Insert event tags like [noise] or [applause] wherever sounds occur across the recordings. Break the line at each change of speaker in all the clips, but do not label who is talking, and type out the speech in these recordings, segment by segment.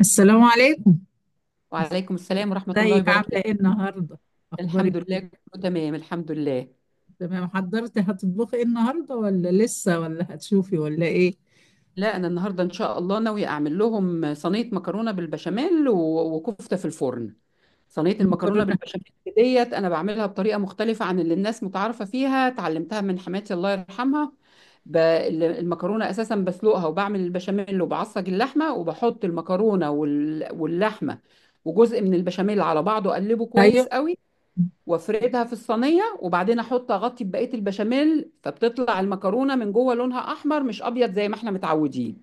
السلام عليكم.
وعليكم السلام ورحمة الله
ازيك عاملة ايه
وبركاته.
النهاردة؟ اخبارك
الحمد
إيه؟
لله كله تمام الحمد لله.
تمام، حضرتي هتطبخي ايه النهاردة، ولا لسه، ولا هتشوفي، ولا ايه؟
لا، أنا النهاردة إن شاء الله ناوية أعمل لهم صينية مكرونة بالبشاميل وكفتة في الفرن. صينية المكرونة
مكرونة.
بالبشاميل ديت أنا بعملها بطريقة مختلفة عن اللي الناس متعارفة فيها، اتعلمتها من حماتي الله يرحمها. المكرونة أساسا بسلقها وبعمل البشاميل وبعصج اللحمة وبحط المكرونة واللحمة وجزء من البشاميل على بعضه، أقلبه
ايوه.
كويس قوي وافردها في الصينيه، وبعدين احط اغطي ببقيه البشاميل، فبتطلع المكرونه من جوه لونها احمر مش ابيض زي ما احنا متعودين.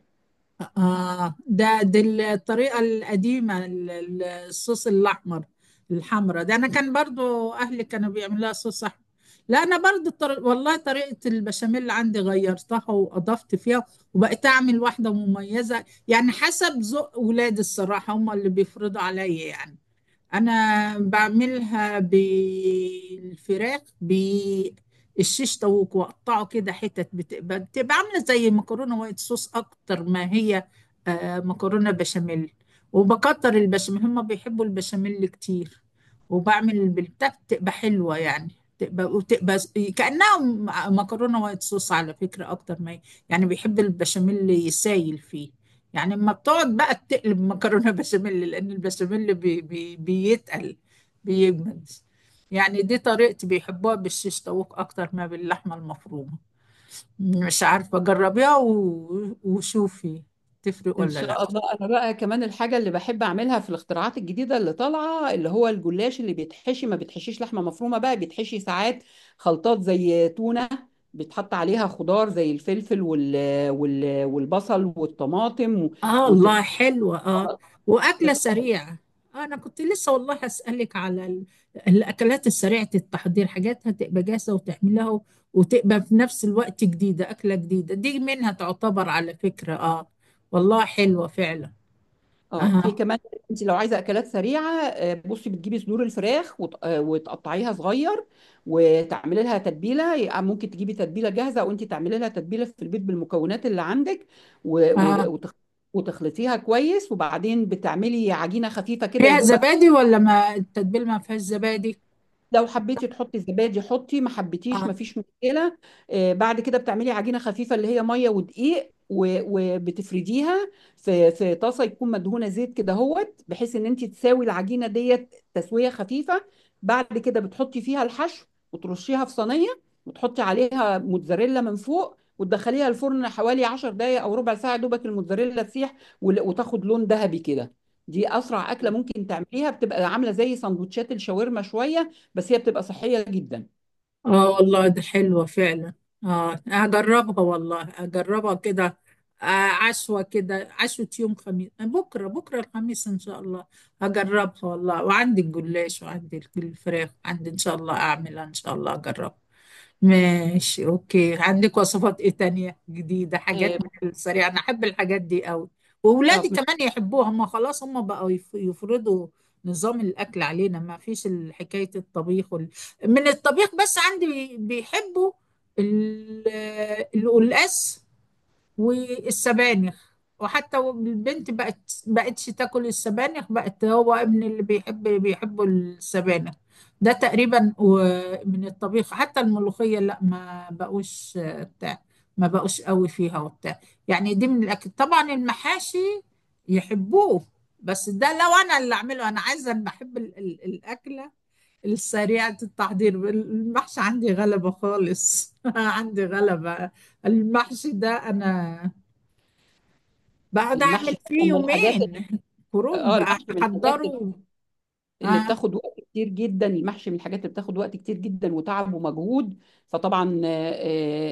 اه، ده دي الطريقة القديمة، الصوص الاحمر، الحمرا ده. انا كان برضو اهلي كانوا بيعملوها صوص احمر. لا، انا برضو والله طريقة البشاميل عندي غيرتها واضفت فيها، وبقيت اعمل واحدة مميزة، يعني حسب ذوق ولادي. الصراحة هم اللي بيفرضوا عليا يعني. أنا بعملها بالفراخ بالشيش طاووق، وأقطعه كده حتت، بتبقى عاملة زي مكرونة وايت صوص أكتر ما هي. آه، مكرونة بشاميل. وبكتر البشاميل، هما بيحبوا البشاميل كتير. وبعمل بالبتاع، بتبقى حلوة يعني. تبقى وتبقى ز- كأنها م- مكرونة وايت صوص على فكرة أكتر ما هي. يعني بيحب البشاميل يسايل فيه. يعني اما بتقعد بقى تقلب مكرونه بشاميل، لان البشاميل بي بي بيتقل، بيجمد. يعني دي طريقتي، بيحبوها بالشيش طاووق اكتر ما باللحمه المفرومه. مش عارفه، جربيها وشوفي تفرق
ان
ولا لا.
شاء الله. انا بقى كمان الحاجه اللي بحب اعملها في الاختراعات الجديده اللي طالعه اللي هو الجلاش اللي بيتحشي، ما بيتحشيش لحمه مفرومه بقى، بيتحشي ساعات خلطات زي تونه، بيتحط عليها خضار زي الفلفل والبصل والطماطم
اه، الله، حلوة اه. واكلة
وتتخلط.
سريعة. آه، انا كنت لسه والله هسألك على الاكلات السريعة التحضير، حاجات هتبقى جاهزة وتعملها، وتبقى في نفس الوقت جديدة. اكلة جديدة، دي منها تعتبر على فكرة، اه. والله حلوة فعلا.
اه، في
اه.
كمان. انت لو عايزه اكلات سريعه، بصي بتجيبي صدور الفراخ وتقطعيها صغير، وتعملي لها تتبيله، ممكن تجيبي تتبيله جاهزه وانت تعملي لها تتبيله في البيت بالمكونات اللي عندك، و-
اه
و- وتخ- وتخلطيها كويس، وبعدين بتعملي عجينه خفيفه كده يا
فيها
دوبك.
زبادي، ولا ما التتبيل ما فيهاش زبادي؟
لو حبيتي تحطي زبادي حطي، ما حبيتيش
آه.
ما فيش مشكله. بعد كده بتعملي عجينه خفيفه اللي هي ميه ودقيق، وبتفرديها في طاسه يكون مدهونه زيت كده هوت، بحيث ان انت تساوي العجينه ديت تسويه خفيفه. بعد كده بتحطي فيها الحشو وترشيها في صينيه، وتحطي عليها موتزاريلا من فوق، وتدخليها الفرن حوالي 10 دقايق او ربع ساعه دوبك الموتزاريلا تسيح وتاخد لون ذهبي كده. دي اسرع اكله ممكن تعمليها، بتبقى عامله زي سندوتشات الشاورما شويه، بس هي بتبقى صحيه جدا.
اه، والله دي حلوة فعلا. اه، هجربها والله، هجربها كده. آه. عشوة كده، عشوة يوم خميس. آه، بكرة بكرة الخميس ان شاء الله. هجربها والله، وعندي الجلاش، وعندي الفراخ عندي، ان شاء الله اعملها، ان شاء الله اجربها. ماشي، اوكي. عندك وصفات ايه تانية جديدة، حاجات
إيه،
من السريع؟ انا احب الحاجات دي قوي،
آه،
واولادي
من-
كمان يحبوها. هم خلاص هم بقوا يفرضوا نظام الاكل علينا. ما فيش حكاية الطبيخ وال... من الطبيخ بس، عندي بيحبوا ال- القلقاس والسبانخ. وحتى البنت بقت بقتش تاكل السبانخ، بقت. هو ابني اللي بيحبوا السبانخ ده تقريبا. من الطبيخ، حتى الملوخية لا، ما بقوش آه، بتاع. ما بقوش قوي فيها وبتاع. يعني دي من الأكل. طبعا المحاشي يحبوه، بس ده لو انا اللي اعمله. انا عايزه، أنا بحب الاكله السريعه التحضير. المحشي عندي غلبه خالص [laughs] عندي غلبه. المحشي ده انا بعد اعمل
المحشي حاجة
فيه
من الحاجات.
يومين كروب
اه،
بقى
المحشي من الحاجات
احضره.
اللي
اه،
بتاخد وقت كتير جدا، المحشي من الحاجات اللي بتاخد وقت كتير جدا وتعب ومجهود. فطبعا آه،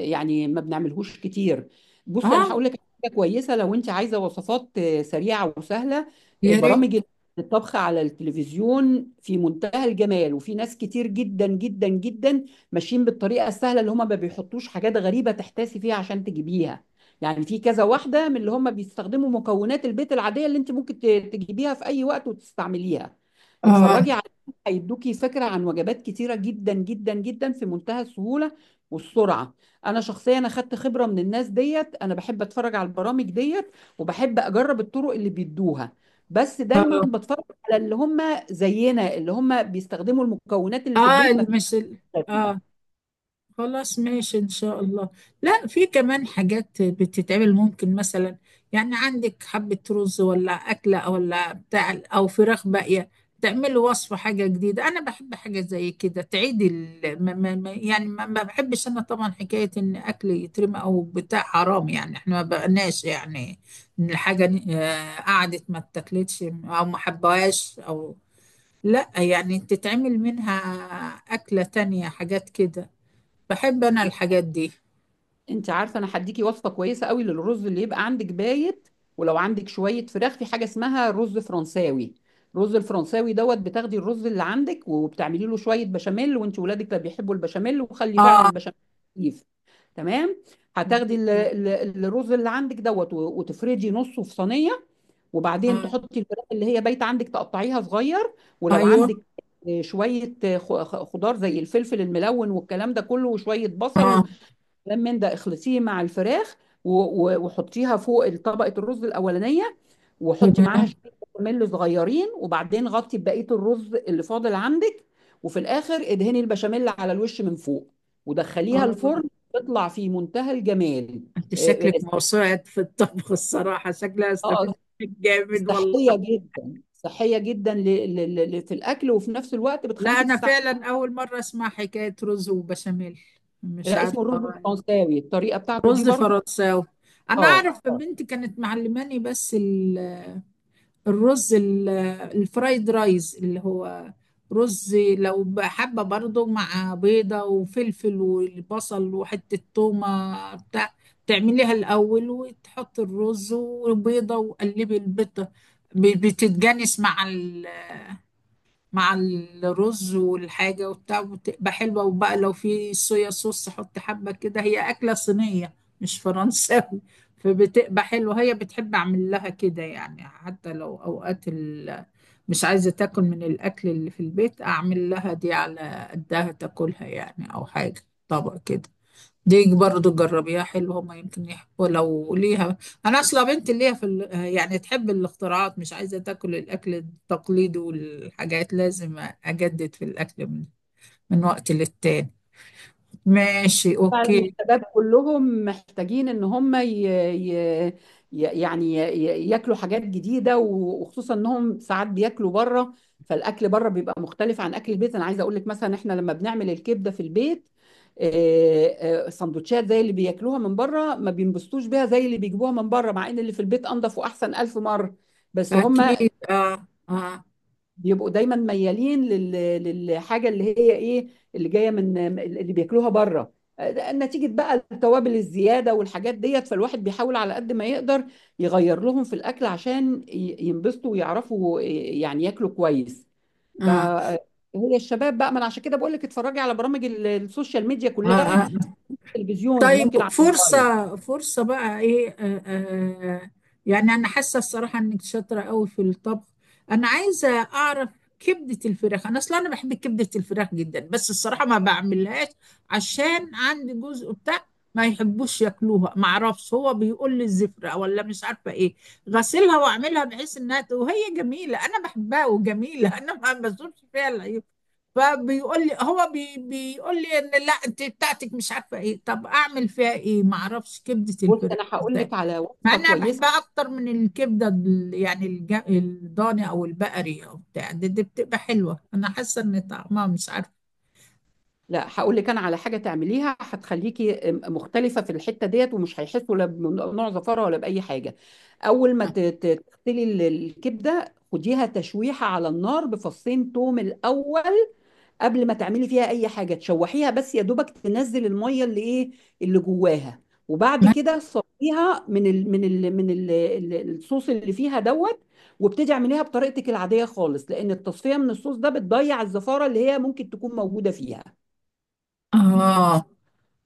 آه، يعني ما بنعملهوش كتير. بصي
اه،
انا هقول لك حاجه كويسه، لو انت عايزه وصفات سريعه وسهله،
يا ريت.
برامج الطبخ على التلفزيون في منتهى الجمال، وفي ناس كتير جدا جدا جدا ماشيين بالطريقه السهله، اللي هم ما بيحطوش حاجات غريبه تحتاسي فيها عشان تجيبيها. يعني في كذا واحده من اللي هم بيستخدموا مكونات البيت العاديه اللي انت ممكن تجيبيها في اي وقت وتستعمليها.
اه،
اتفرجي على هيدوكي، فكرة عن وجبات كتيرة جدا جدا جدا في منتهى السهولة والسرعة. انا شخصيا انا خدت خبرة من الناس ديت، انا بحب اتفرج على البرامج ديت وبحب اجرب الطرق اللي بيدوها. بس دايما
اه،
بتفرج على اللي هم زينا، اللي هم بيستخدموا المكونات اللي في
اه،
البيت، ما فيش
المثل،
غريبة.
اه. خلاص، ماشي إن شاء الله. لا، في كمان حاجات بتتعمل. ممكن مثلا يعني عندك حبة رز ولا أكلة أو ولا بتاع أو فراخ باقية، تعملي وصفة حاجة جديدة. أنا بحب حاجة زي كده، تعيدي يعني ما بحبش. أنا طبعا حكاية إن أكل يترمى أو بتاع، حرام يعني. إحنا ما بقناش يعني، إن الحاجة آه، قعدت ما اتاكلتش أو ما حبهاش، أو لا، يعني تتعمل منها أكلة تانية، حاجات كده. بحب انا الحاجات دي.
انت عارفه، انا هديكي وصفه كويسه قوي للرز اللي يبقى عندك بايت ولو عندك شويه فراخ، في حاجه اسمها رز فرنساوي. الرز الفرنساوي دوت بتاخدي الرز اللي عندك وبتعملي له شويه بشاميل، وانت ولادك لا بيحبوا البشاميل، وخلي فعلا
اه،
البشاميل خفيف. تمام. هتاخدي الرز اللي عندك دوت وتفردي نصه في صينيه، وبعدين
آه،
تحطي الفراخ اللي هي بايته عندك تقطعيها صغير، ولو
ايوه،
عندك شويه خضار زي الفلفل الملون والكلام ده كله وشويه بصل،
اه،
كلام من ده اخلطيه مع الفراخ و- وحطيها فوق طبقة الرز الأولانية، وحطي معاها
تمام،
شوية بشاميل صغيرين، وبعدين غطي بقية الرز اللي فاضل عندك، وفي الآخر ادهني البشاميل على الوش من فوق ودخليها
اه.
الفرن. تطلع في منتهى الجمال.
انت
اه،
شكلك موسوعة في الطبخ الصراحة، شكلها استفيد
آه،
منك جامد والله.
صحية جدا، صحية جدا، في الأكل، وفي نفس الوقت
لا،
بتخليكي
انا
تستعملي.
فعلا اول مرة اسمع حكاية رز وبشاميل، مش
لا،
عارفة.
اسمه الرز الفرنساوي، الطريقة بتاعته دي
رز
برضو.
فرنساوي. انا
اه.
اعرف
آه.
بنتي كانت معلماني، بس الرز الفرايد رايز اللي هو رز. لو بقى حابة برضه، مع بيضة وفلفل والبصل وحتة تومة بتاع، تعمليها الأول، وتحط الرز وبيضة، وقلبي البيضة بتتجانس مع ال... مع الرز والحاجة وبتاع، بتبقى حلوة. وبقى لو في صويا صوص حط حبة كده. هي أكلة صينية، مش فرنساوي. فبتبقى حلوة. هي بتحب أعمل لها كده يعني. حتى لو أوقات ال... مش عايزة تاكل من الأكل اللي في البيت، أعمل لها دي على قدها تاكلها يعني، أو حاجة، طبق كده. دي برضو جربيها حلوة، هما يمكن يحبوا لو ليها. أنا أصلا بنت ليها في ال... يعني تحب الاختراعات، مش عايزة تاكل الأكل التقليدي. والحاجات لازم أجدد في الأكل من وقت للتاني. ماشي،
فعلا،
أوكي.
الشباب كلهم محتاجين ان هم ياكلوا حاجات جديده، وخصوصا انهم ساعات بياكلوا بره، فالاكل بره بيبقى مختلف عن اكل البيت. انا عايزه اقول لك مثلا احنا لما بنعمل الكبده في البيت سندوتشات زي اللي بياكلوها من بره، ما بينبسطوش بيها زي اللي بيجيبوها من بره، مع ان اللي في البيت انضف واحسن الف مره. بس هم
أكيد، آه، آه،
بيبقوا دايما ميالين للحاجه اللي هي ايه، اللي جايه من اللي بياكلوها بره، نتيجه بقى التوابل الزياده والحاجات ديت. فالواحد بيحاول على قد ما يقدر يغير لهم في الاكل عشان ينبسطوا ويعرفوا يعني ياكلوا كويس. ف
آه،
هي الشباب بقى. ما انا عشان كده بقول لك اتفرجي على برامج السوشيال ميديا
آه,
كلها،
آه.
تلفزيون
طيب،
ممكن على الموبايل.
فرصة، فرصة بقى ايه، آه آه. يعني انا حاسة الصراحة انك شاطرة قوي في الطبخ. انا عايزة اعرف، كبدة الفراخ، انا اصلا انا بحب كبدة الفراخ جدا، بس الصراحة ما بعملهاش. عشان عندي جزء بتاع ما يحبوش ياكلوها. ما اعرفش، هو بيقول لي الزفرة ولا مش عارفة ايه. غسلها واعملها بحيث انها وهي جميلة، انا بحبها وجميلة [laughs] انا ما بزورش فيها العيوب. فبيقول لي، هو بيقول لي ان لا انت بتاعتك مش عارفه ايه. طب اعمل فيها ايه؟ ما اعرفش كبده
بص
الفراخ
انا هقول لك
بالذات.
على
مع
وصفه
ان انا
كويسه.
بحبها اكتر من الكبده يعني الضاني او البقري او بتاع. دي بتبقى حلوه، انا حاسه ان طعمها مش عارفه.
لأ، هاقول لِك أنا على حاجة تعمليها هتخلّيكِ مختلفة في الحتّة ديّة، ومش هيحسّوا لا بنوع زفارة ولا بأي حاجة. أول ما ت ت تغسلي الكبدة خديها تشويحة على النار بفصّين توم الأول، قبل ما تعملي فيها أي حاجة، تشوّحيها بس يا دوبك تنزّل المَيّة اللي إيه، اللي جواها، وبعد كده صفّيها من ال من ال من ال ال الصوص اللي فيها دوّة، وابتدي اعمليها بطريقتِك العادية خالص، لإن التصفية من الصوص ده بتضيّع الزفارة اللي هي ممكن تكون موجودة فيها.
اه،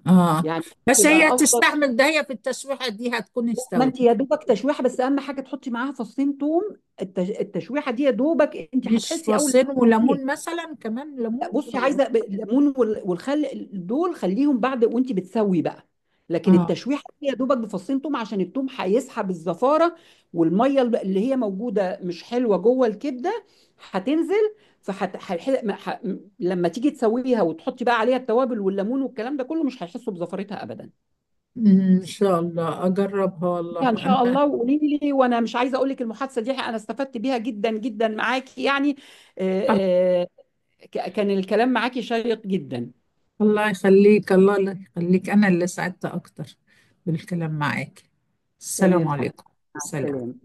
اه.
يعني
بس
تبقى
هي
افضل.
تستحمل ده؟ هي في التشويحه دي هتكون
ما
استوت.
انت يا دوبك تشويحه بس، اهم حاجه تحطي معاها فصين توم. التشويحه دي يا دوبك انت
مش
هتحسي اول ما
فصين
تاكليها.
وليمون مثلا، كمان
لا،
ليمون
بصي
ولا؟
عايزه الليمون والخل دول خليهم بعد وانت بتسوي بقى، لكن
اه.
التشويحه دي يا دوبك بفصين توم، عشان التوم هيسحب الزفاره والميه اللي هي موجوده مش حلوه جوه الكبده هتنزل. فحت... هيح... ما- ح... لما تيجي تسويها وتحطي بقى عليها التوابل والليمون والكلام ده كله، مش هيحسوا بزفرتها ابدا.
أمم، ان شاء الله اجربها والله
يعني ان شاء
انا.
الله وقولي لي، وانا مش عايزه اقول لك المحادثه دي انا استفدت بيها جدا جدا معاكي يعني. آه، آه، كان الكلام معاكي شيق جدا.
الله يخليك. الله اللي يخليك، أنا اللي سعدت أكتر بالكلام معاك. السلام
تمام حبيبتي،
عليكم.
مع السلامه.
سلام.